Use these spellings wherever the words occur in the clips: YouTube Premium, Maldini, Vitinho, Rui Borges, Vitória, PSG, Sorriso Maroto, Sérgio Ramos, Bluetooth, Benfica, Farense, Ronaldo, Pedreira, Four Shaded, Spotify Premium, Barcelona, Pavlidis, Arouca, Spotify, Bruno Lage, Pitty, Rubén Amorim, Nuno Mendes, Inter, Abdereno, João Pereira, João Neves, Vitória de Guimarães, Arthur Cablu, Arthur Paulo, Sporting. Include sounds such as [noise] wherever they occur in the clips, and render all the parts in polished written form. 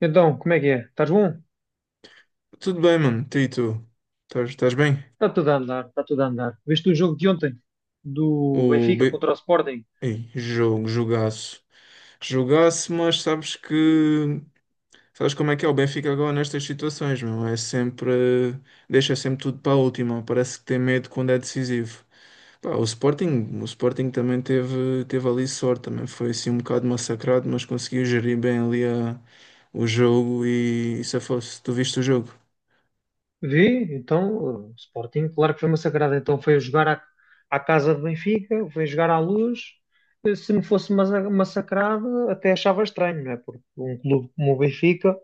Então, como é que é? Estás bom? Tudo bem, mano. Tu e tu? Estás bem? Está tudo a andar, está tudo a andar. Viste o jogo de ontem do O Benfica B... contra o Sporting? Ei, jogo, jogaço. Jogaço, mas sabes que... Sabes como é que é o Benfica agora nestas situações, meu? É sempre... Deixa sempre tudo para a última. Parece que tem medo quando é decisivo. Pá, o Sporting também teve ali sorte. Também foi assim um bocado massacrado, mas conseguiu gerir bem ali o jogo e se fosse, tu viste o jogo? Vi, então, o Sporting, claro que foi massacrado. Então foi jogar à, à casa de Benfica, foi jogar à luz. Se não fosse massa- massacrado, até achava estranho, não é? Porque um clube como o Benfica,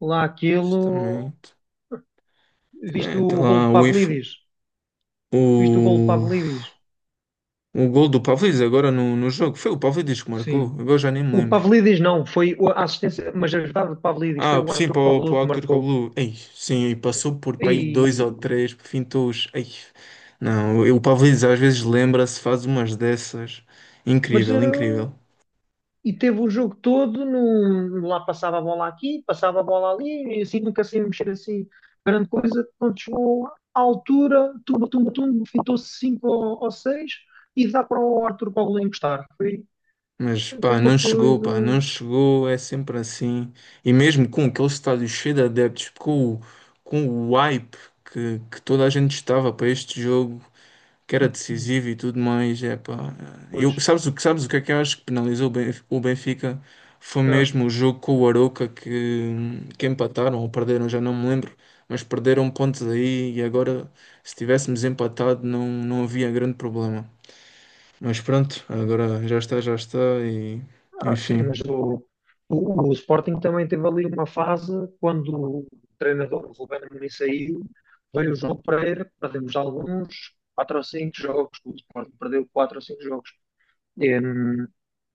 lá Isso também... aquilo. Viste É, tem o gol de lá o info. Pavlidis? Viste o gol de Pavlidis? O gol do Pavlidis agora no jogo. Foi o Pavlidis que Sim. marcou. Agora já nem me O lembro. Pavlidis não, foi a assistência, mas a verdade do Pavlidis foi Ah, o sim, Arthur para o, para Cabral o que Arthur marcou. Cablu. Ei, sim, e passou por para aí dois ou três fintos. Ei, não, o Pavlidis às vezes lembra-se, faz umas dessas. Mas Incrível, incrível. e teve o jogo todo, num, lá passava a bola aqui, passava a bola ali, e assim nunca sem mexer assim grande coisa. Quando chegou à altura, tumba, tumba, tumba, fintou-se 5 ou 6 e dá para o Arthur Paulo encostar. Foi, Mas foi uma pá, não coisa. chegou, é sempre assim. E mesmo com aquele estádio cheio de adeptos, com o hype que toda a gente estava para este jogo, que era decisivo e tudo mais. É pá, é. Eu, Pois. Sabes o que é que eu acho que penalizou o Benfica? Foi ah, mesmo o jogo com o Arouca que empataram ou perderam, já não me lembro, mas perderam pontos aí e agora se tivéssemos empatado não havia grande problema. Mas pronto, agora já está e Ah, sim, enfim. mas o Sporting também teve ali uma fase quando o treinador Rubén Amorim saiu, veio o João Pereira, perdemos alguns 4 ou 5 jogos, o Sporting perdeu 4 ou 5 jogos. E, hum,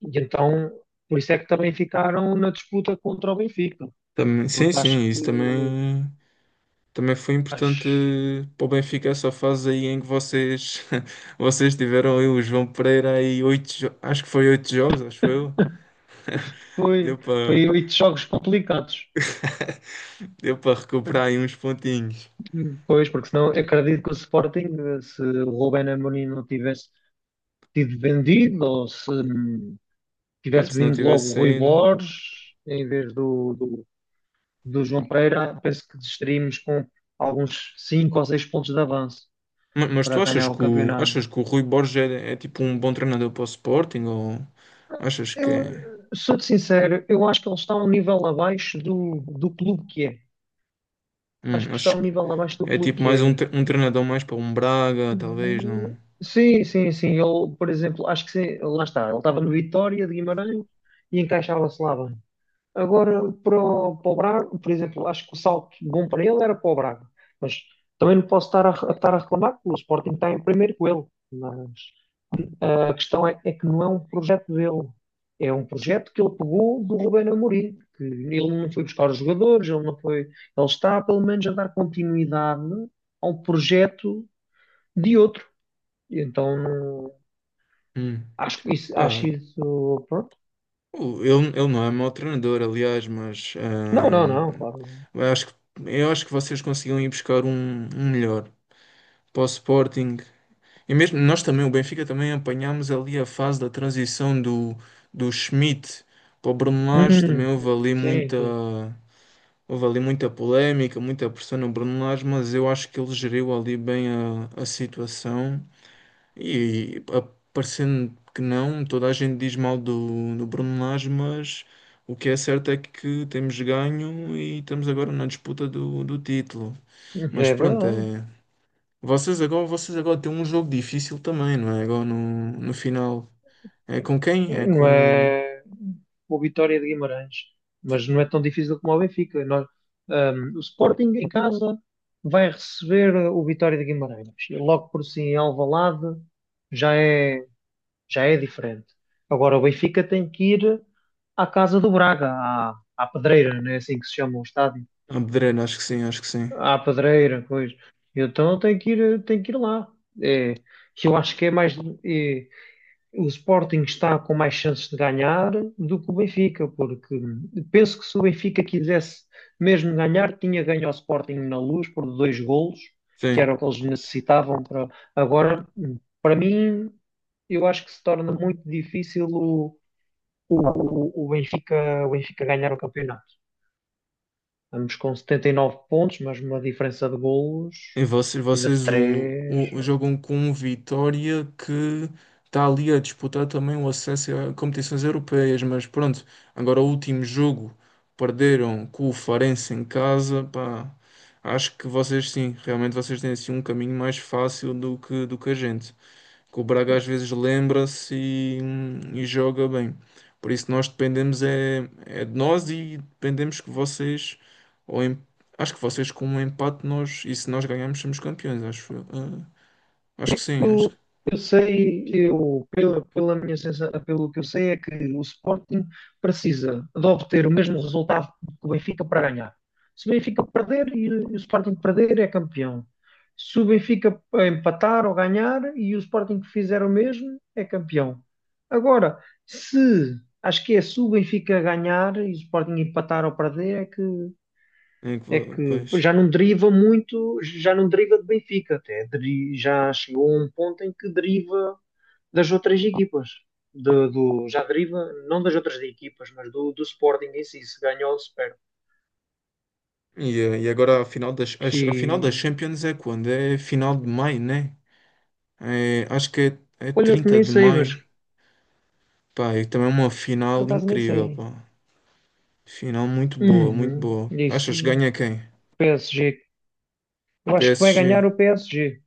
e então, por isso é que também ficaram na disputa contra o Benfica, Também, sim, porque sim, acho que isso também. Também foi importante acho para o Benfica essa fase aí em que vocês, [laughs] vocês tiveram aí o João Pereira aí acho que foi oito jogos, acho que foi eu. que Deu foi, para foi oito jogos complicados. deu para recuperar aí uns pontinhos. Pois, porque senão eu acredito que o Sporting, se o Rubén Amorim não tivesse tido vendido ou se tivesse Pronto, se não vindo tivesse logo o Rui saído. Borges em vez do João Pereira, penso que estaríamos com alguns 5 ou 6 pontos de avanço Mas, para tu achas ganhar o que o, campeonato. achas que o Rui Borges é tipo um bom treinador para o Sporting ou achas que Eu é, sou-te sincero, eu acho que ele está um nível abaixo do clube que é. Acho que está um acho que nível abaixo do é clube tipo que mais um, é. tre- um treinador mais para um Braga, talvez Hum, não. Sim, sim, sim. Ele, por exemplo, acho que sim, lá está. Ele estava no Vitória de Guimarães e encaixava-se lá bem. Agora, para o Braga, por exemplo, acho que o salto bom para ele era para o Braga. Mas também não posso estar a reclamar que o Sporting está em primeiro com ele. Mas a questão é que não é um projeto dele. É um projeto que ele pegou do Rubén Amorim. Que ele não foi buscar os jogadores, ele não foi... Ele está, pelo menos, a dar continuidade ao projeto de outro. E então, não- Hum, acho que isso, acho pá, isso, pronto. Ele não é mau treinador, aliás, mas Não, não, não, claro. eu acho que, eu acho que vocês conseguiam ir buscar um melhor para o Sporting. E mesmo nós também, o Benfica também apanhámos ali a fase da transição do Schmidt para o Bruno Lage. Também Hum, houve ali sim, muita, sim. houve ali muita polémica, muita pressão no Bruno Lage, mas eu acho que ele geriu ali bem a situação e a- parecendo que não, toda a gente diz mal do Bruno Lage, mas o que é certo é que temos ganho e estamos agora na disputa do título. Mas Mas é pronto, verdade. é, vocês agora têm um jogo difícil também, não é? Agora no final. É com quem? É, É não com o é o Vitória de Guimarães, mas não é tão difícil como o Benfica. O Sporting em casa vai receber o Vitória de Guimarães. E logo por si em Alvalade já é, já é diferente. Agora o Benfica tem que ir à casa do Braga, à, à Pedreira, não é assim que se chama o estádio? Abdereno, acho que sim, acho que sim. À Pedreira, coisa. Então tem que ir lá. É, que eu acho que é mais. O Sporting está com mais chances de ganhar do que o Benfica, porque penso que se o Benfica quisesse mesmo ganhar, tinha ganho ao Sporting na Luz por dois golos, que Sim. era o que eles necessitavam para agora. Para mim, eu acho que se torna muito difícil o Benfica, o Benfica ganhar o campeonato. Estamos com 79 pontos, mas uma diferença de golos E vocês, ainda de vocês 3. Jogam com um Vitória que está ali a disputar também o acesso a competições europeias, mas pronto, agora o último jogo perderam com o Farense em casa, pá, acho que vocês sim, realmente vocês têm assim um caminho mais fácil do que a gente que o Braga às vezes lembra-se e joga bem. Por isso nós dependemos é de nós e dependemos que vocês, ou em- acho que vocês com um empate nós, e se nós ganharmos somos campeões, acho, eu. Ah, acho que sim, acho que. Eu, eu sei, eu, pela, pela minha sensação, pelo que eu sei, é que o Sporting precisa de obter o mesmo resultado que o Benfica para ganhar. Se o Benfica perder e o Sporting perder, é campeão. Se o Benfica empatar ou ganhar e o Sporting fizer o mesmo, é campeão. Agora, se acho que é se o Benfica ganhar e o Sporting empatar ou perder, é que Pois. já não deriva muito, já não deriva de Benfica, até deri- já chegou a um ponto em que deriva das outras equipas, do, do- já deriva não das outras equipas, mas do Sporting em si, se ganhou ou se perde. E agora a final das E, Champions é quando? É final de maio, né? É, acho que é olha que 30 nem de sei, maio. mas Pá, e também é uma por final acaso nem incrível, sei. pá. Final muito boa, muito Uhum, boa. Achas que disse ganha quem? PSG. Eu acho que vai ganhar PSG. o PSG.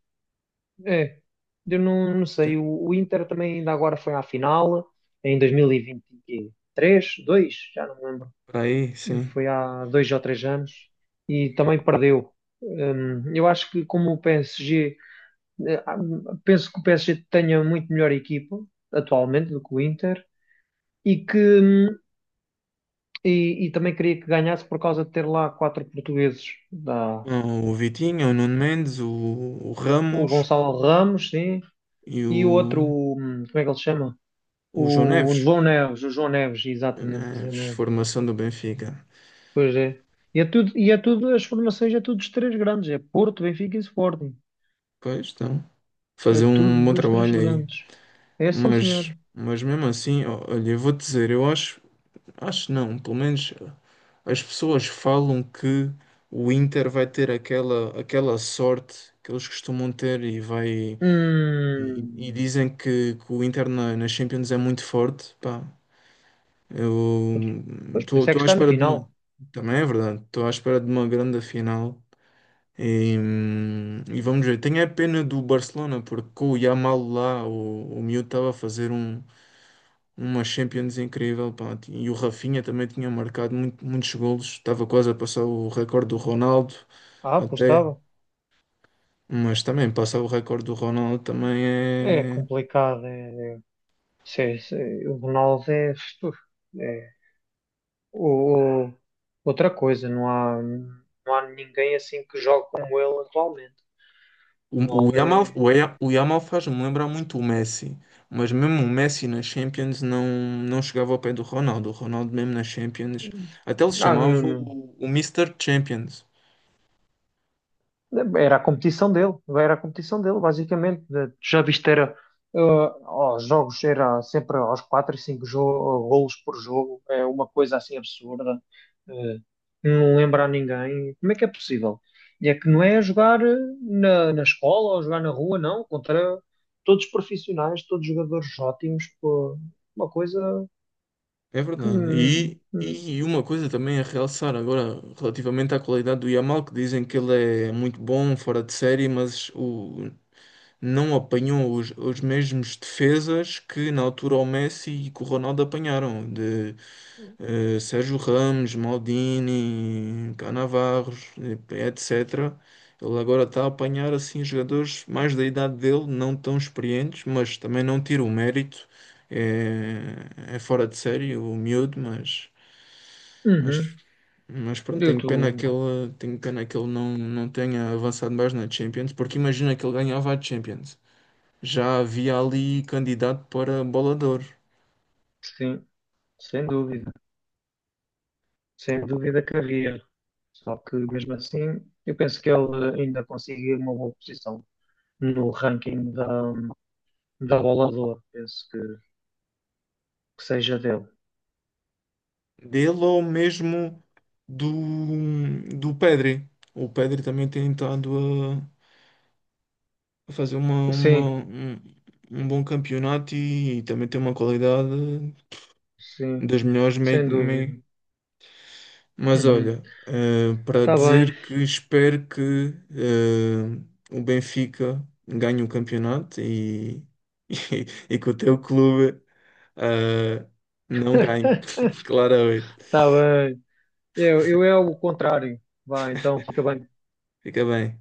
É, eu não, não sei. Tem- O Inter também ainda agora foi à final em 2023, 2 já não me lembro. Aí, sim. Foi há dois ou três anos, e também perdeu. Eu acho que como o PSG, eh, ah, penso que o PSG tenha muito melhor equipa atualmente do que o Inter e que e também queria que ganhasse por causa de ter lá quatro portugueses, da, Não, o Vitinho, o Nuno Mendes, o o Ramos Gonçalo Ramos, sim, e e o outro, o, como é que ele se chama? o João O Neves. João Neves, o João Neves, João exatamente, o João Neves, Neves. formação do Benfica. Pois é. E é tudo, as formações é tudo dos três grandes, é Porto, Benfica e Sporting. Pois estão. É Fazer um tudo bom dos três trabalho aí. grandes. É sim, senhor. Mas mesmo assim, ó, olha, eu vou te dizer, eu acho, acho não, pelo menos as pessoas falam que o Inter vai ter aquela sorte que eles costumam ter e vai e Hum. dizem que o Inter na Champions é muito forte. Pá, eu Pois, por isso é que estou à está na espera de final. uma. Também é verdade, estou à espera de uma grande final. E vamos ver. Tenho a pena do Barcelona, porque com o Yamal lá, o miúdo estava a fazer uma Champions incrível. Pá. E o Rafinha também tinha marcado muitos golos, estava quase a passar o recorde do Ronaldo, Ah, pois até. estava. Mas também passar o recorde do Ronaldo também É é. complicado. É, é- se- é, se- é, o Ronaldo é, uf, é o- outra coisa. Não há, não há ninguém assim que jogue como ele atualmente. O O, o Ronaldo Yamal, é. o, Ya- o Yamal faz-me lembrar muito o Messi, mas mesmo o Messi na Champions não chegava ao pé do Ronaldo. O Ronaldo, mesmo na Champions, Hum. até ele se Ah, chamava não, não. o Mr. Champions. Era a competição dele, era a competição dele, basicamente. Tu já viste, eh, aos jogos, era sempre aos 4 e 5 golos por jogo, é uma coisa assim absurda, eh, não lembra a ninguém. Como é que é possível? E é que não é jogar na, na escola ou jogar na rua, não, contra todos profissionais, todos jogadores ótimos, pô, uma coisa É que. verdade. E, hum, e uma coisa também a realçar agora, relativamente à qualidade do Yamal, que dizem que ele é muito bom, fora de série, mas não apanhou os mesmos defesas que na altura o Messi e que o Ronaldo apanharam. Sérgio Ramos, Maldini, Cannavaros, etc. Ele agora está a apanhar assim jogadores mais da idade dele, não tão experientes, mas também não tira o mérito. É fora de série o miúdo, mas, Uhum. mas pronto, Eu tenho pena que estou, ele, tenho pena que ele não tenha avançado mais na Champions, porque imagina que ele ganhava a Champions. Já havia ali candidato para bola de Ouro. sim, sem dúvida. Sem dúvida que havia. Só que mesmo assim, eu penso que ele ainda conseguiu uma boa posição no ranking da, da bola de ouro. Penso que seja dele. Dele ou mesmo do, do Pedri. O Pedri também tem estado a fazer uma, Sim, uma- um, um bom campeonato e, também tem uma qualidade sim, das melhores. Sem dúvida. Mas Uhum. olha, para Tá bem, dizer que espero que eh, o Benfica ganhe o campeonato e, [laughs] que o teu clube eh, não ganhe, [laughs] [laughs] claramente. tá bem. Eu é o contrário. Vai, então fica bem. Fica bem.